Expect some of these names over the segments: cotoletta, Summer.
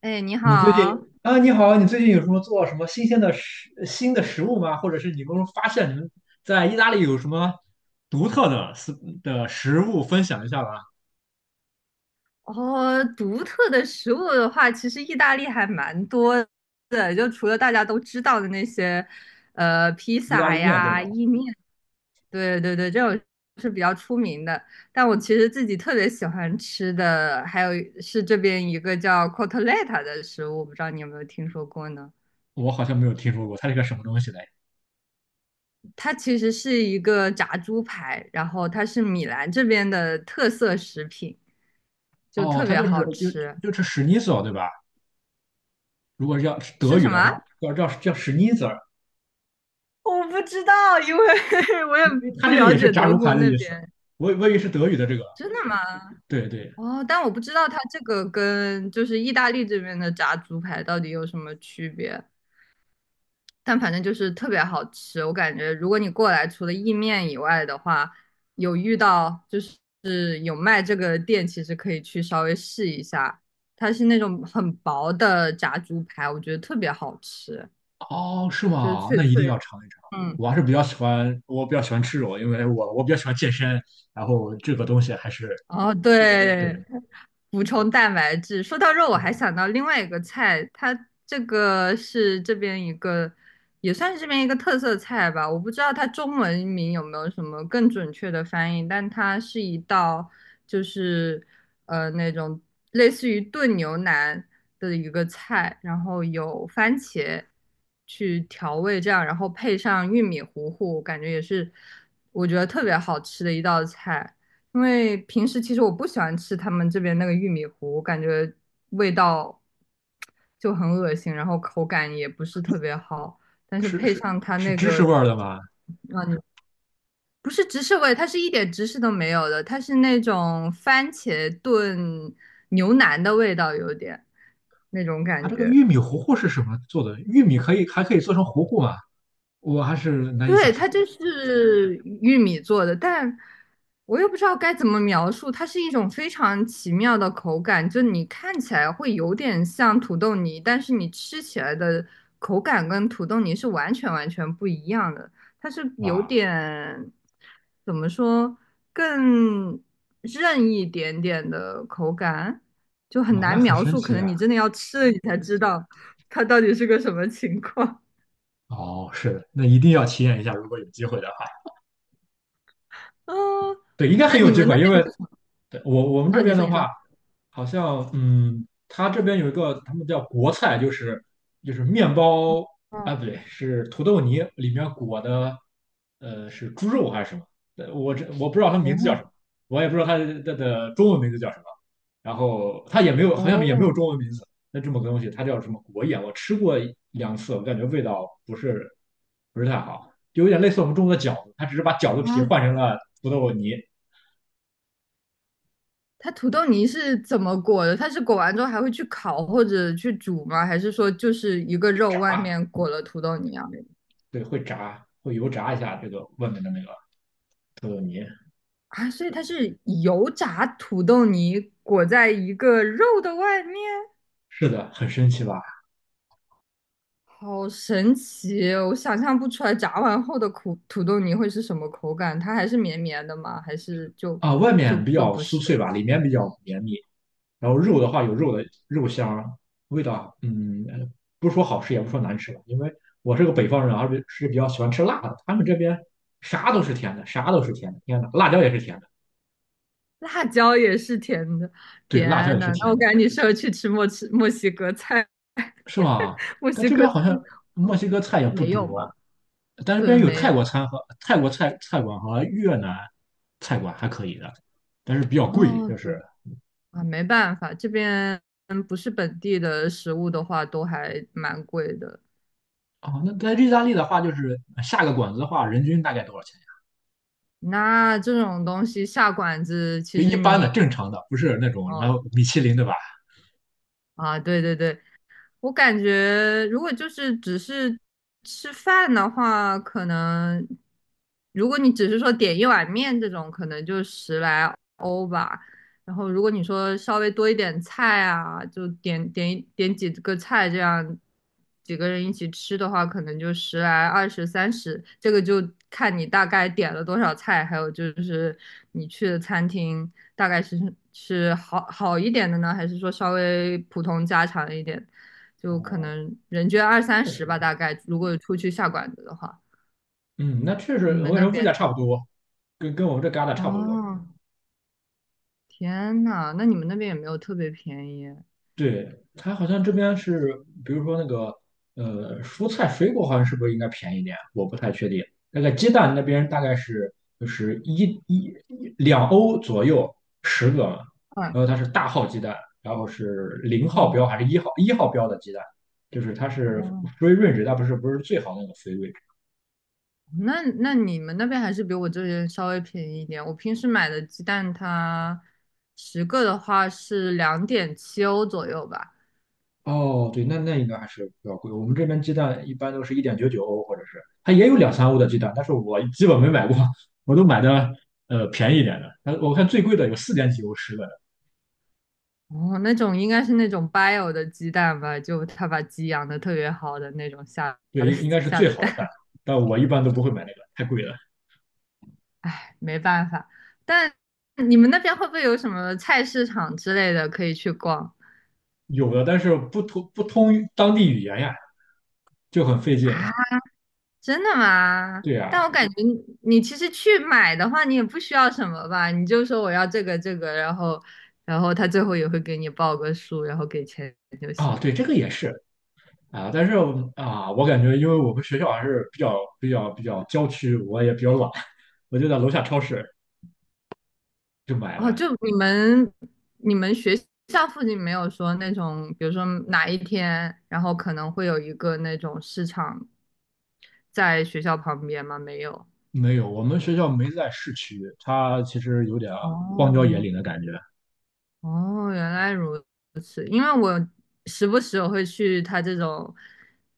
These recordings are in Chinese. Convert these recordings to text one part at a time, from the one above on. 哎，你你最近好。啊，你好，你最近有什么做什么新的食物吗？或者是你们发现你们在意大利有什么独特的食物分享一下吧？哦，独特的食物的话，其实意大利还蛮多的，就除了大家都知道的那些，披意大萨利面，对吧？呀、意面，对对对，这种是比较出名的。但我其实自己特别喜欢吃的，还有是这边一个叫 cotoletta 的食物，不知道你有没有听说过呢？我好像没有听说过，它是个什么东西嘞？它其实是一个炸猪排，然后它是米兰这边的特色食品，就哦，特它别就是好就吃。就是史尼索，对吧？如果是要是德是语什的么？话，叫史尼索，我不知道，因为 我也因为它不这个了也是解炸德猪国排的那意思。边。我以为是德语的这个，真的吗？对对，哦，但我不知道它这个跟就是意大利这边的炸猪排到底有什么区别，但反正就是特别好吃。我感觉如果你过来除了意面以外的话，有遇到就是有卖这个店，其实可以去稍微试一下。它是那种很薄的炸猪排，我觉得特别好吃，哦，是就是吗？脆那一定要脆。尝一尝。嗯，我还是比较喜欢，我比较喜欢吃肉，因为我比较喜欢健身，然后这个东西还是哦，对，对。补充蛋白质。说到肉，我还想到另外一个菜，它这个是这边一个，也算是这边一个特色菜吧。我不知道它中文名有没有什么更准确的翻译，但它是一道就是那种类似于炖牛腩的一个菜，然后有番茄去调味这样，然后配上玉米糊糊，感觉也是我觉得特别好吃的一道菜。因为平时其实我不喜欢吃他们这边那个玉米糊，我感觉味道就很恶心，然后口感也不是特别好。但是是的，配是是，上它是那芝士个味儿的吗？不是芝士味，它是一点芝士都没有的，它是那种番茄炖牛腩的味道，有点那种它感这个觉。玉米糊糊是什么做的？玉米还可以做成糊糊吗？我还是难以对，想它象的。就是玉米做的，但我又不知道该怎么描述，它是一种非常奇妙的口感，就你看起来会有点像土豆泥，但是你吃起来的口感跟土豆泥是完全完全不一样的，它是有哇，点，怎么说，更韧一点点的口感，就很哇，那难很描神述，可奇能啊！你真的要吃了你才知道它到底是个什么情况。哦，是的，那一定要体验一下，如果有机会的话，哦，对，应该那很有你机们会，那因边？为对，我们啊，这你边说的你说，话。好像它这边有一个他们叫国菜，就是面包啊，哦不对，是土豆泥里面裹的，是猪肉还是什么？我不知道它名字叫什哦么，我也不知道它的中文名字叫什么。然后它也没有，好像也没有哦中文名字。那这么个东西，它叫什么国宴？我吃过2次，我感觉味道不是太好，就有点类似我们中国的饺子，它只是把饺子皮啊，换成了土豆泥，它土豆泥是怎么裹的？它是裹完之后还会去烤或者去煮吗？还是说就是一个肉炸，外面裹了土豆泥啊？对，会炸，会油炸一下这个外面的那个。土豆泥，啊，所以它是油炸土豆泥裹在一个肉的外面，是的，很神奇吧？好神奇哦，我想象不出来炸完后的苦土豆泥会是什么口感，它还是绵绵的吗？还是就啊，外就面比就较不是？酥脆吧，里面比较绵密。然后肉的话有肉的肉香，味道，不说好吃也不说难吃吧，因为我是个北方人，而且是比较喜欢吃辣的。他们这边啥都是甜的，啥都是甜的，天呐，辣椒也是甜的，辣椒也是甜的，对，辣椒天也是呐，那甜我的，感觉你适合去吃墨西哥菜，是吧？但这边好像墨西哥菜也不没有吧？多，但是这边对，有没泰国有。餐和泰国菜菜馆和越南菜馆还可以的，但是比较贵，哦，就对是。啊，没办法，这边不是本地的食物的话，都还蛮贵的。哦，那在意大利的话，就是下个馆子的话，人均大概多少钱呀？那这种东西下馆子，其就实一般的、你正常的，不是那种什哦么米其林，对吧？啊，对对对，我感觉，如果就是只是吃饭的话，可能如果你只是说点一碗面这种，可能就十来欧吧。然后如果你说稍微多一点菜啊，就一点几个菜，这样几个人一起吃的话，可能就十来、二十、三十，这个就看你大概点了多少菜，还有就是你去的餐厅大概是好一点的呢，还是说稍微普通家常一点的就可哦，能人均二那三确实，十吧，大概如果出去下馆子的话，嗯，那确你实，我跟们你那说，物边价差不多，跟我们这旮沓差不多。哦，天呐，那你们那边也没有特别便宜，对，它好像这边是，比如说那个蔬菜水果好像是不是应该便宜点？我不太确定。那个鸡蛋那边大概是，就是一两欧左右十个嘛，啊，然后它是大号鸡蛋，然后是0号标嗯还是一号标的鸡蛋，就是它是 哦，free range，它不是最好的那个 g e。 那你们那边还是比我这边稍微便宜一点。我平时买的鸡蛋它十个的话是2.7欧左右吧。哦，对，那应该还是比较贵。我们这边鸡蛋一般都是1.99欧，或者是它也有两三欧的鸡蛋，但是我基本没买过，我都买的便宜一点的。但我看最贵的有四点几欧十个的，哦，那种应该是那种 bio 的鸡蛋吧，就他把鸡养的特别好的那种对，应该是下最的好的蛋，蛋。但我一般都不会买那个，太贵了。没办法。但你们那边会不会有什么菜市场之类的可以去逛有的，但是不通当地语言呀，就很费劲。啊？真的吗？对但呀，我感觉你其实去买的话，你也不需要什么吧？你就说我要这个这个，然后他最后也会给你报个数，然后给钱就啊，啊行。对，这个也是啊，但是啊，我感觉因为我们学校还是比较郊区，我也比较懒，我就在楼下超市就买哦，就了。你们学校附近没有说那种，比如说哪一天，然后可能会有一个那种市场在学校旁边吗？没有。没有，我们学校没在市区，它其实有点啊荒郊野哦，岭的感觉。哦，原来如此。因为我时不时我会去他这种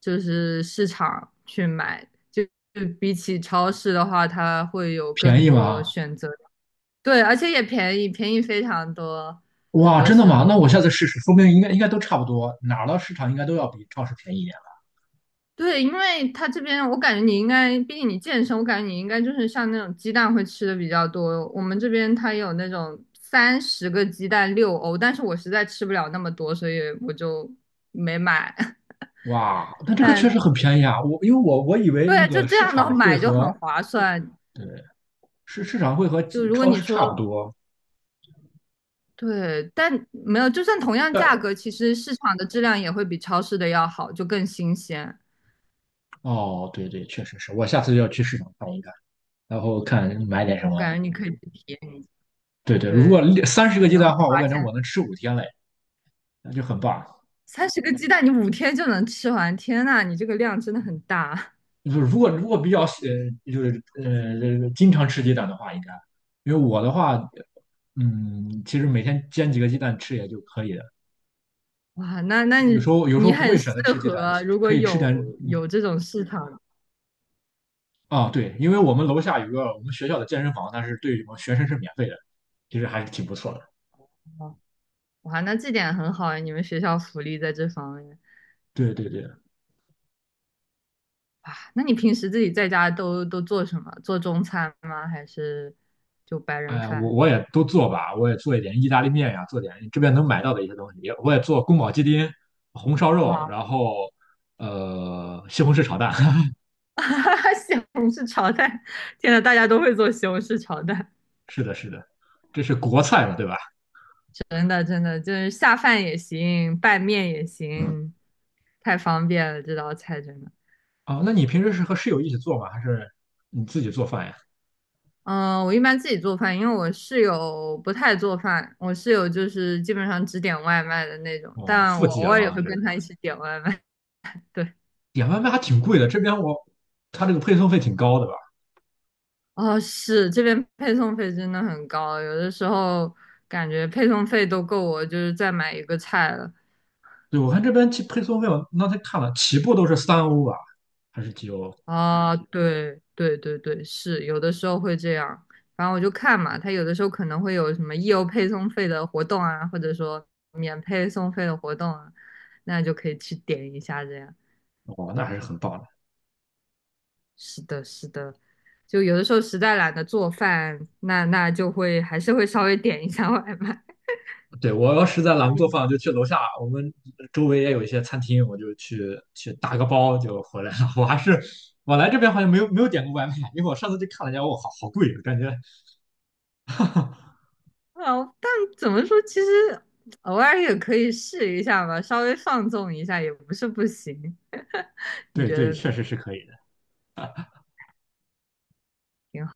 就是市场去买，就比起超市的话，它会有便更宜多吗？选择。对，而且也便宜，便宜非常多，很哇，多真的时吗？那候。我下次试试，说不定应该都差不多，哪儿的市场应该都要比超市便宜一点了，对，因为他这边我感觉你应该，毕竟你健身，我感觉你应该就是像那种鸡蛋会吃的比较多。我们这边它有那种三十个鸡蛋6欧，但是我实在吃不了那么多，所以我就没买。哇，那这个确但实很便宜啊！我因为我以为那对，就个这市样的场会买就和，很划算。对，市场会和就如果超你市差不说多，对，但没有，就算同样价但格，其实市场的质量也会比超市的要好，就更新鲜。哦，对对，确实是我下次要去市场看一看，然后看买点什我么。感觉你可以去体验一下。对对，如果对，三十个可鸡能会蛋的话，我感发觉现我能吃5天嘞，那就很棒。三十个鸡蛋你5天就能吃完，天呐，你这个量真的很大就是如果比较就是经常吃鸡蛋的话，应该，因为我的话，其实每天煎几个鸡蛋吃也就可以了。哇！那有时你候有时候你不很会适选择吃鸡蛋，合，如可果以吃点嗯有这种市场的啊，对，因为我们楼下有个我们学校的健身房，但是对我们学生是免费的，其实还是挺不错的。话，哇，那这点很好啊，你们学校福利在这方面。对对对，啊，那你平时自己在家都做什么？做中餐吗？还是就白哎人呀，我饭？我也都做吧，我也做一点意大利面呀，做点这边能买到的一些东西，我也做宫保鸡丁、红烧肉，哇，然后西红柿炒蛋。西红柿炒蛋！天呐，大家都会做西红柿炒蛋，是的，是的，这是国菜嘛，对吧？真的真的就是下饭也行，拌面也行，太方便了这道菜真的。哦，那你平时是和室友一起做吗？还是你自己做饭呀？嗯，我一般自己做饭，因为我室友不太做饭，我室友就是基本上只点外卖的那种，哦，但富我姐偶尔也嘛，会这个跟是他一起点外卖。对。点外卖还挺贵的，这边他这个配送费挺高的吧？哦，是，这边配送费真的很高，有的时候感觉配送费都够我就是再买一个菜了。对，我看这边起配送费，我那才看了，起步都是三欧吧，还是几欧？啊，对对对对，是，有的时候会这样。反正我就看嘛，他有的时候可能会有什么义优配送费的活动啊，或者说免配送费的活动啊，那就可以去点一下这样。哦，那还是很棒的。是的，是的，就有的时候实在懒得做饭，那就会还是会稍微点一下外卖。对，我要实在懒得做 饭，我就去楼下，我们周围也有一些餐厅，我就去打个包就回来了。我还是我来这边好像没有点过外卖，因为我上次去看了一下，我好贵，感觉哦，但怎么说，其实偶尔也可以试一下吧，稍微放纵一下也不是不行。你对觉对，得确呢？实是可以的。挺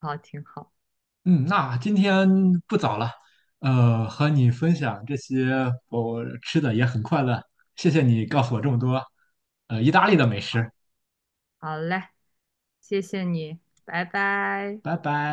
好，挺好。嗯，那今天不早了，和你分享这些我吃的也很快乐，谢谢你告诉我这么多，意大利的美食，好嘞，谢谢你，拜拜。拜拜。